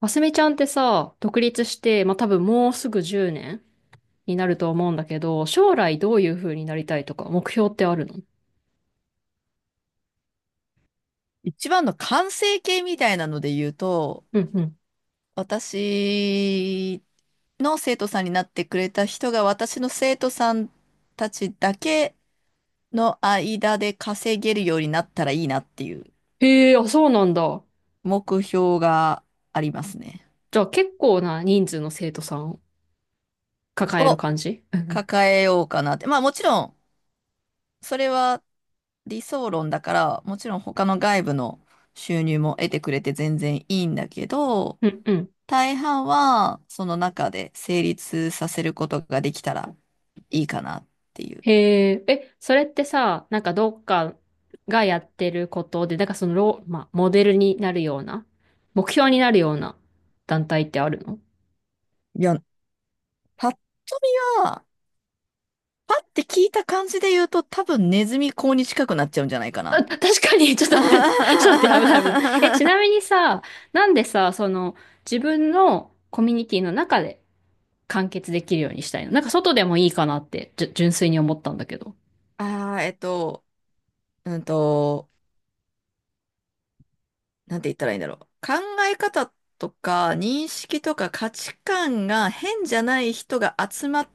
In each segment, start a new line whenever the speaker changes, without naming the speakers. あすみちゃんってさ、独立して、まあ、多分もうすぐ10年になると思うんだけど、将来どういう風になりたいとか、目標ってあるの？
一番の完成形みたいなので言うと、
うんうん。
私の生徒さんになってくれた人が私の生徒さんたちだけの間で稼げるようになったらいいなっていう
へえ、あ、そうなんだ。
目標がありますね。
じゃあ結構な人数の生徒さんを抱える
を
感じ？
抱えようかなって。まあもちろん、それは理想論だから、もちろん他の外部の収入も得てくれて全然いいんだけど、
うんうん。
大半は、その中で成立させることができたらいいかなっていう。
へえ、え、それってさ、なんかどっかがやってることで、なんかそのまあ、モデルになるような、目標になるような団体ってあるの？
いや、パッと見は、パッて聞いた感じで言うと、多分ネズミ講に近くなっちゃうんじゃないか
あ、
な。
確かに、ち ょっと待って、ちょっと待って、危ない危ない。え、
あ
ちなみにさ、なんでさ、その、自分のコミュニティの中で完結できるようにしたいのなんか外でもいいかなって、純粋に思ったんだけど。
あ、うんと、なんて言ったらいいんだろう。考え方とか認識とか価値観が変じゃない人が集まっ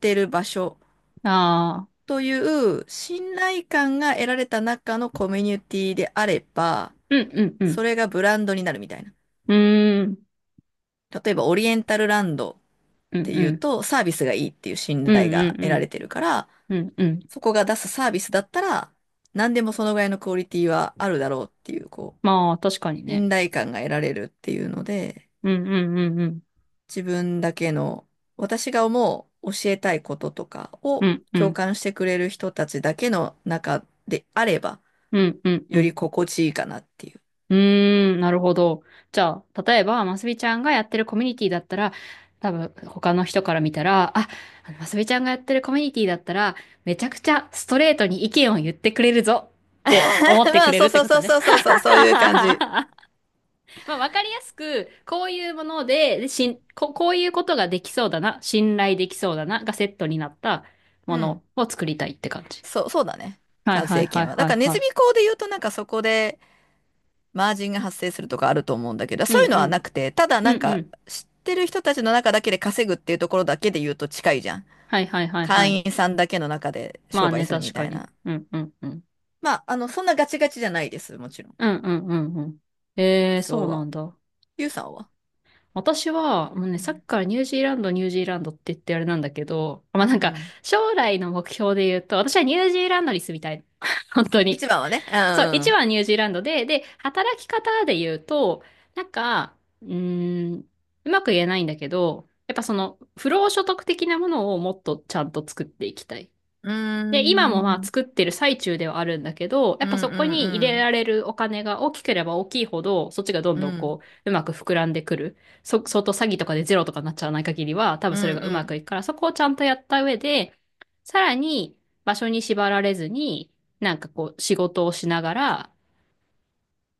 てる場所
ああ、
という信頼感が得られた中のコミュニティであれば、
うんうんうん。
それがブランドになるみたいな。
うーん、
例えばオリエンタルランドっ
う
て
んう
いう
ん。
とサービスがいいっていう信
うん
頼
う
が
ん
得
う
られ
ん。
てるから、
うんうん。
そこが出すサービスだったら何でもそのぐらいのクオリティはあるだろうっていう、こ
まあ、確かに
う、
ね。
信頼感が得られるっていうので、
うんうんうんうん。
自分だけの、私が思う教えたいこととか
う
を
んう
共
ん。
感してくれる人たちだけの中であれば、
うんうんう
より
ん。
心地いいかなっていう。
うーん、なるほど。じゃあ、例えば、ますみちゃんがやってるコミュニティだったら、多分、他の人から見たら、あ、あのますみちゃんがやってるコミュニティだったら、めちゃくちゃストレートに意見を言ってくれるぞって思 って
ま
く
あ、
れる
そう
って
そう
こ
そ
と
う
ね。
そうそう そう、そういう感じ。
まあ、わかりやすく、こういうもので、でしん、こ、こういうことができそうだな、信頼できそうだな、がセットになったも
うん。
のを作りたいって感じ。
そう、そうだね。
はい
完
はい
成
は
形
い
は。
は
だ
い
からネズ
は
ミ講で言うとなんかそこでマージンが発生するとかあると思うんだけど、
い。
そう
う
いう
ん
の
う
はな
ん。
くて、ただなん
うんう
か
ん。
知ってる人たちの中だけで稼ぐっていうところだけで言うと近いじゃん。
はいはいはいはい。
会員さんだけの中で
ま
商
あ
売
ね、
するみ
確
た
か
い
に。
な。
うんうんうん。
まあ、あの、そんなガチガチじゃないです。もちろん。
うんうんうんうん。
理
えー、そ
想
うな
は。
んだ。
ゆうさんは、
私は、もうね、
う
さっき
ん。
からニュージーランド、ニュージーランドって言ってあれなんだけど、まあな
う
んか、
ん、
将来の目標で言うと、私はニュージーランドに住みたいの。本当に。
一番はね。う
そう、一
ん。
番ニュージーランドで、働き方で言うと、なんか、うーん、うまく言えないんだけど、やっぱその、不労所得的なものをもっとちゃんと作っていきたい。
うー
で、今もまあ
ん
作ってる最中ではあるんだけど、や
う
っ
ん
ぱそこに入
う
れら
ん
れるお金が大きければ大きいほど、そっちがどん
うん
ど
う
ん
ん
こう、うまく膨らんでくる。相当詐欺とかでゼロとかになっちゃわない限りは、多分
うん
それがう
う
まく
ん
いくから、そこをちゃんとやった上で、さらに場所に縛られずに、なんかこう、仕事をしながら、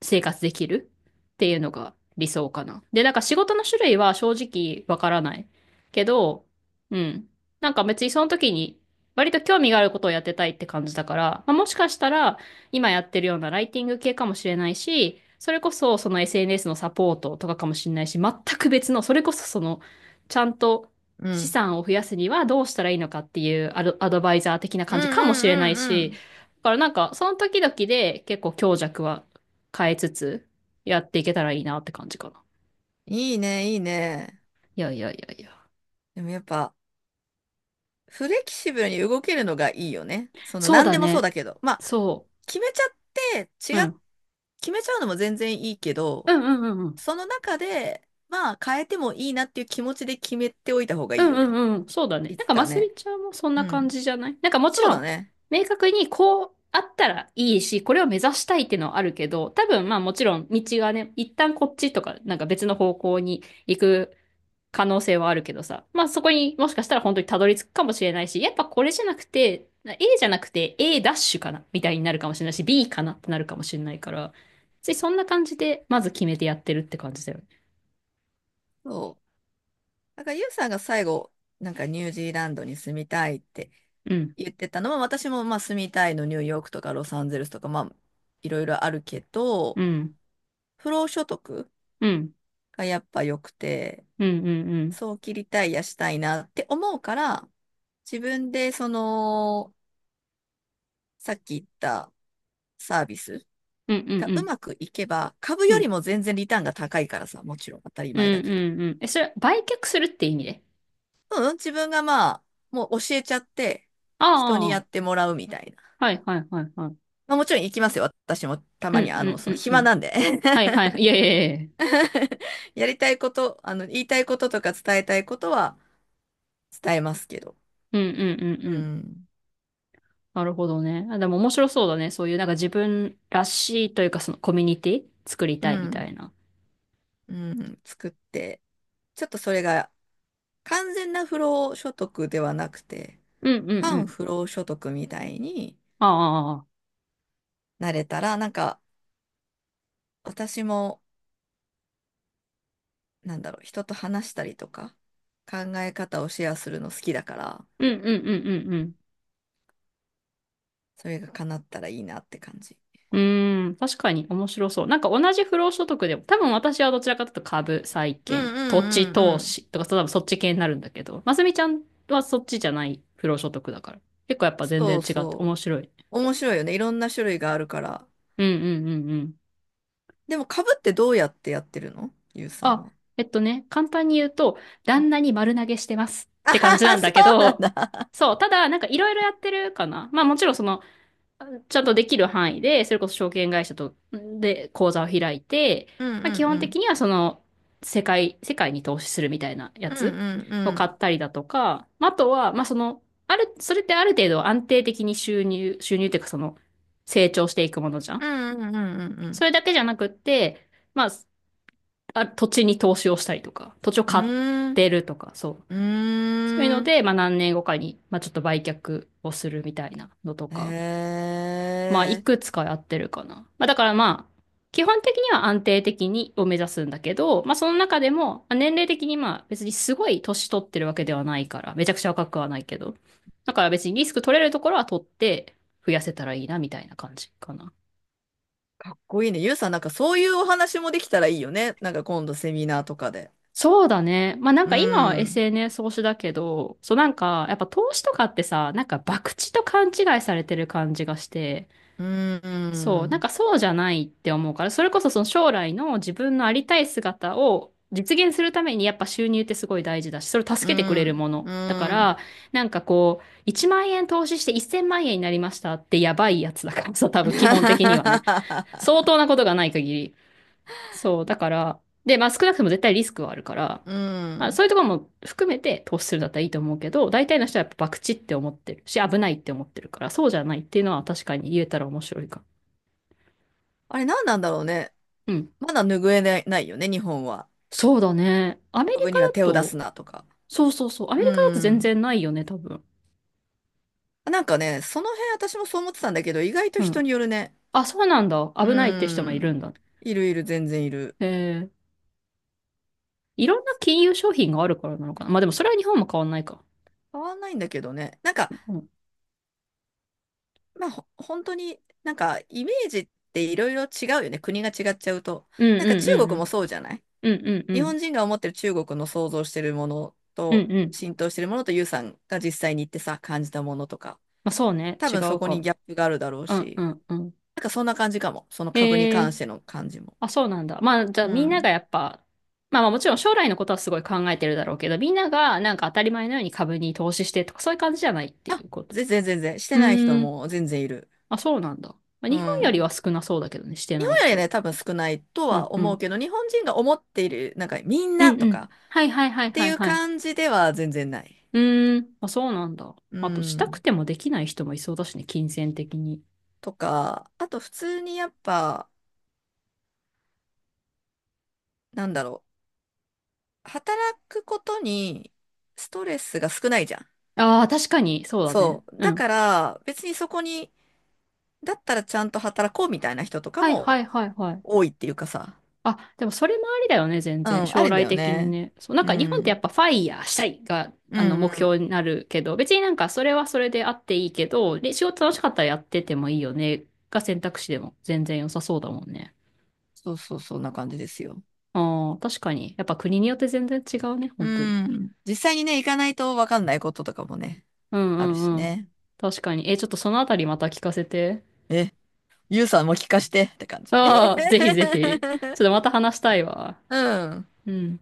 生活できるっていうのが理想かな。で、なんか仕事の種類は正直わからないけど、うん。なんか別にその時に割と興味があることをやってたいって感じだから、まあ、もしかしたら今やってるようなライティング系かもしれないし、それこそその SNS のサポートとかかもしれないし、全く別の、それこそその、ちゃんと
う
資
ん
産を増やすにはどうしたらいいのかっていうアドバイザー的な
うん
感
う
じかもしれない
んうんう
し、
ん。
だからなんかその時々で結構強弱は変えつつ、やっていけたらいいなって感じかな。
いいね、いいね。
いやいやいやいや。
でもやっぱ、フレキシブルに動けるのがいいよね。その、
そう
何
だ
でもそう
ね。
だけど。まあ、
そ
決めちゃって、
う。うん。
決めちゃうのも全然いいけ
う
ど、
んうんうんうん。
その中で、まあ、変えてもいいなっていう気持ちで決めておいた方が
う
いい
ん
よ
う
ね。
んうん。そうだね。
い
なん
つ
か、
か
マスみ
ね。
ちゃんもそん
う
な感
ん。
じじゃない？なんか、もち
そう
ろ
だ
ん、
ね。
明確にこうあったらいいし、これを目指したいっていうのはあるけど、多分、まあもちろん、道がね、一旦こっちとか、なんか別の方向に行く可能性はあるけどさ。まあそこにもしかしたら本当にたどり着くかもしれないし、やっぱこれじゃなくて、A じゃなくて A ダッシュかなみたいになるかもしれないし、B かなってなるかもしれないから、ついそんな感じでまず決めてやってるって感じだよね。
そう。なんから、ユウさんが最後、なんかニュージーランドに住みたいって
うん。
言ってたのは、私もまあ住みたいのニューヨークとかロサンゼルスとか、まあ、いろいろあるけど、
うん。
不労所得
うん。
がやっぱ良くて、
うん。うん。
早期リタイアしたいなって思うから、自分でその、さっき言ったサービス
うん。うん。
が
う
う
ん。
まくいけば、株
うん。
よ
う
り
ん。
も全然リターンが高いからさ、もちろん当たり
うん。
前だけど。
うん。え、それは売却するって意味で？
うん、自分がまあ、もう教えちゃって、
あ
人に
あ、
や
あ
ってもらうみたいな。
あ、はいはいはいはい。
まあ、もちろん行きますよ。私もた
う
ま
ん
に、あ
う
の、
ん
そ
う
の
んう
暇
ん。
なんで。
はいはい。いやいやいやいや。
やりたいこと、あの、言いたいこととか伝えたいことは伝えますけど。
うんうんうんう
う
ん。
ん。
なるほどね。あ、でも面白そうだね。そういうなんか自分らしいというかそのコミュニティ作り
う
たいみた
ん。
いな。
うん。作って。ちょっとそれが完全な不労所得ではなくて、
うんうんう
反
ん。
不労所得みたいに
ああ、ああ、
なれたら、なんか私も、なんだろう、人と話したりとか、考え方をシェアするの好きだから、
うんうんうんうんうん。
それが叶ったらいいなって感じ。
うーん、確かに面白そう。なんか同じ不労所得でも、多分私はどちらかというと株、債
うんう
券、土地
んうんう
投
ん。
資とか、多分そっち系になるんだけど、ますみちゃんはそっちじゃない不労所得だから。結構やっぱ全然
そう
違って
そ
面白い。
う。面白いよね。いろんな種類があるから。
うんうんうんうん。
でも、株ってどうやってやってるのゆうさん
あ、
は。
簡単に言うと、
うん。
旦那に丸投げしてます っ
あ
て感じな
は
ん
そ
だけ
うなん
ど、
だ。
そう、ただ、なんかいろいろやってるかな。まあもちろんその、ちゃんとできる範囲で、それこそ証券会社と、で、口座を開いて、
うんう
まあ基
ん
本
う
的
ん。
にはその、世界に投資するみたいなや
うんう
つ
ん
を
う
買
ん。
ったりだとか、まああとは、まあその、それってある程度安定的に収入っていうかその、成長していくものじゃ
う
ん。
んうんう
そ
ん
れだけじゃなくって、まあ、あ、土地に投資をしたりとか、土地を
う
買っ
んうん。
てるとか、そう。
うー
そういうの
ん。うーん。
で、まあ何年後かに、まあちょっと売却をするみたいなのと
へ
か、まあいく
え。
つかやってるかな。まあだからまあ、基本的には安定的にを目指すんだけど、まあその中でも、まあ年齢的にまあ別にすごい年取ってるわけではないから、めちゃくちゃ若くはないけど、だから別にリスク取れるところは取って増やせたらいいなみたいな感じかな。
かっこいいね。ゆうさん、なんかそういうお話もできたらいいよね。なんか今度セミナーとかで。
そうだね。まあなん
う
か今は
ん。
SNS 投資だけど、そうなんかやっぱ投資とかってさ、なんか博打と勘違いされてる感じがして、
う
そう、なん
ん。
かそうじゃないって思うから、それこそその将来の自分のありたい姿を実現するためにやっぱ収入ってすごい大事だし、それを
う
助けてくれる
ん。
もの。
う
だから、
ん。
なんかこう、1万円投資して1000万円になりましたってやばいやつだからさ、多分基本的にはね。相当なことがない限り。そう、だから、で、まあ少なくとも絶対リスクはあるから、
う
まあそう
ん。
いうところも含めて投資するんだったらいいと思うけど、大体の人はやっぱ博打って思ってるし、危ないって思ってるから、そうじゃないっていうのは確かに言えたら面白いか。
あれ何なんだろうね。
うん。
まだ拭えない、ないよね、日本は。
そうだね。アメリ
株
カ
には
だ
手を出す
と、
なとか。
そうそうそう、アメ
う
リカだと全
ん。
然ないよね、多分。
なんかね、その辺私もそう思ってたんだけど、意外と
う
人
ん。
によるね。
あ、そうなんだ。
う
危ないって人もいる
ん。
んだ。
いるいる、全然いる。
へえ。いろんな金融商品があるからなのかな。まあでもそれは日本も変わんないか。
変わんないんだけどね。なんか、
うん。
まあ、本当に、なんか、イメージっていろいろ違うよね。国が違っちゃうと。
うん
なんか
うん
中
うんう
国も
ん。
そうじゃない、
うんうんう
日
ん。
本人が思ってる中国の想像してるもの
う
と、
んうん。
浸透してるものと、ユウさんが実際に行ってさ、感じたものとか。
まあそうね。
多
違
分そ
う
こ
か
に
も。
ギャップがあるだろう
うんう
し。
んうん。
なんかそんな感じかも。その株に
へ
関
え、
しての感じも。
あ、そうなんだ。まあ、じゃあ
う
みんな
ん。
がやっぱ、まあまあもちろん将来のことはすごい考えてるだろうけど、みんながなんか当たり前のように株に投資してとかそういう感じじゃないってい
あ、
うこと。
全然全然。して
う
ない人
ーん。
も全然いる。
あ、そうなんだ。まあ、
う
日本より
ん。
は少なそうだけどね、して
日
ない
本より
人。
ね、多分少ないと
うん
は
う
思う
ん。
けど、日本人が思っている、なんかみん
う
な
ん
と
うん。
か
はいはいはい
って
は
い
い
う
はい。
感じでは全然ない。
うーん。あ、そうなんだ。
う
あと、したく
ん。
てもできない人もいそうだしね、金銭的に。
とか、あと普通にやっぱ、なんだろう。働くことにストレスが少ないじゃん。
ああ、確かに、そうだね。
そう。
う
だ
ん。
から別にそこに、だったらちゃんと働こうみたいな人とか
はいは
も
いはいはい。
多いっていうかさ。
あ、でもそれもありだよね、全
う
然。
ん、あ
将
りだ
来
よ
的に
ね。
ね。そう、なん
う
か日本ってや
ん。
っぱファイヤーしたいが、
うんう
目
ん。
標になるけど、別になんかそれはそれであっていいけど、で、仕事楽しかったらやっててもいいよね、が選択肢でも全然良さそうだもんね。
そうそう、そんな感じですよ。
ああ、確かに。やっぱ国によって全然違うね、
う
本当に。
ん。実際にね、行かないと分かんないこととかもね、
うん
ある
う
し
んうん。
ね。
確かに。え、ちょっとそのあたりまた聞かせて。
え、ゆうさんも聞かしてって感じ。
ああ、ぜひぜひ。ちょっとまた話したいわ。
うん。
うん。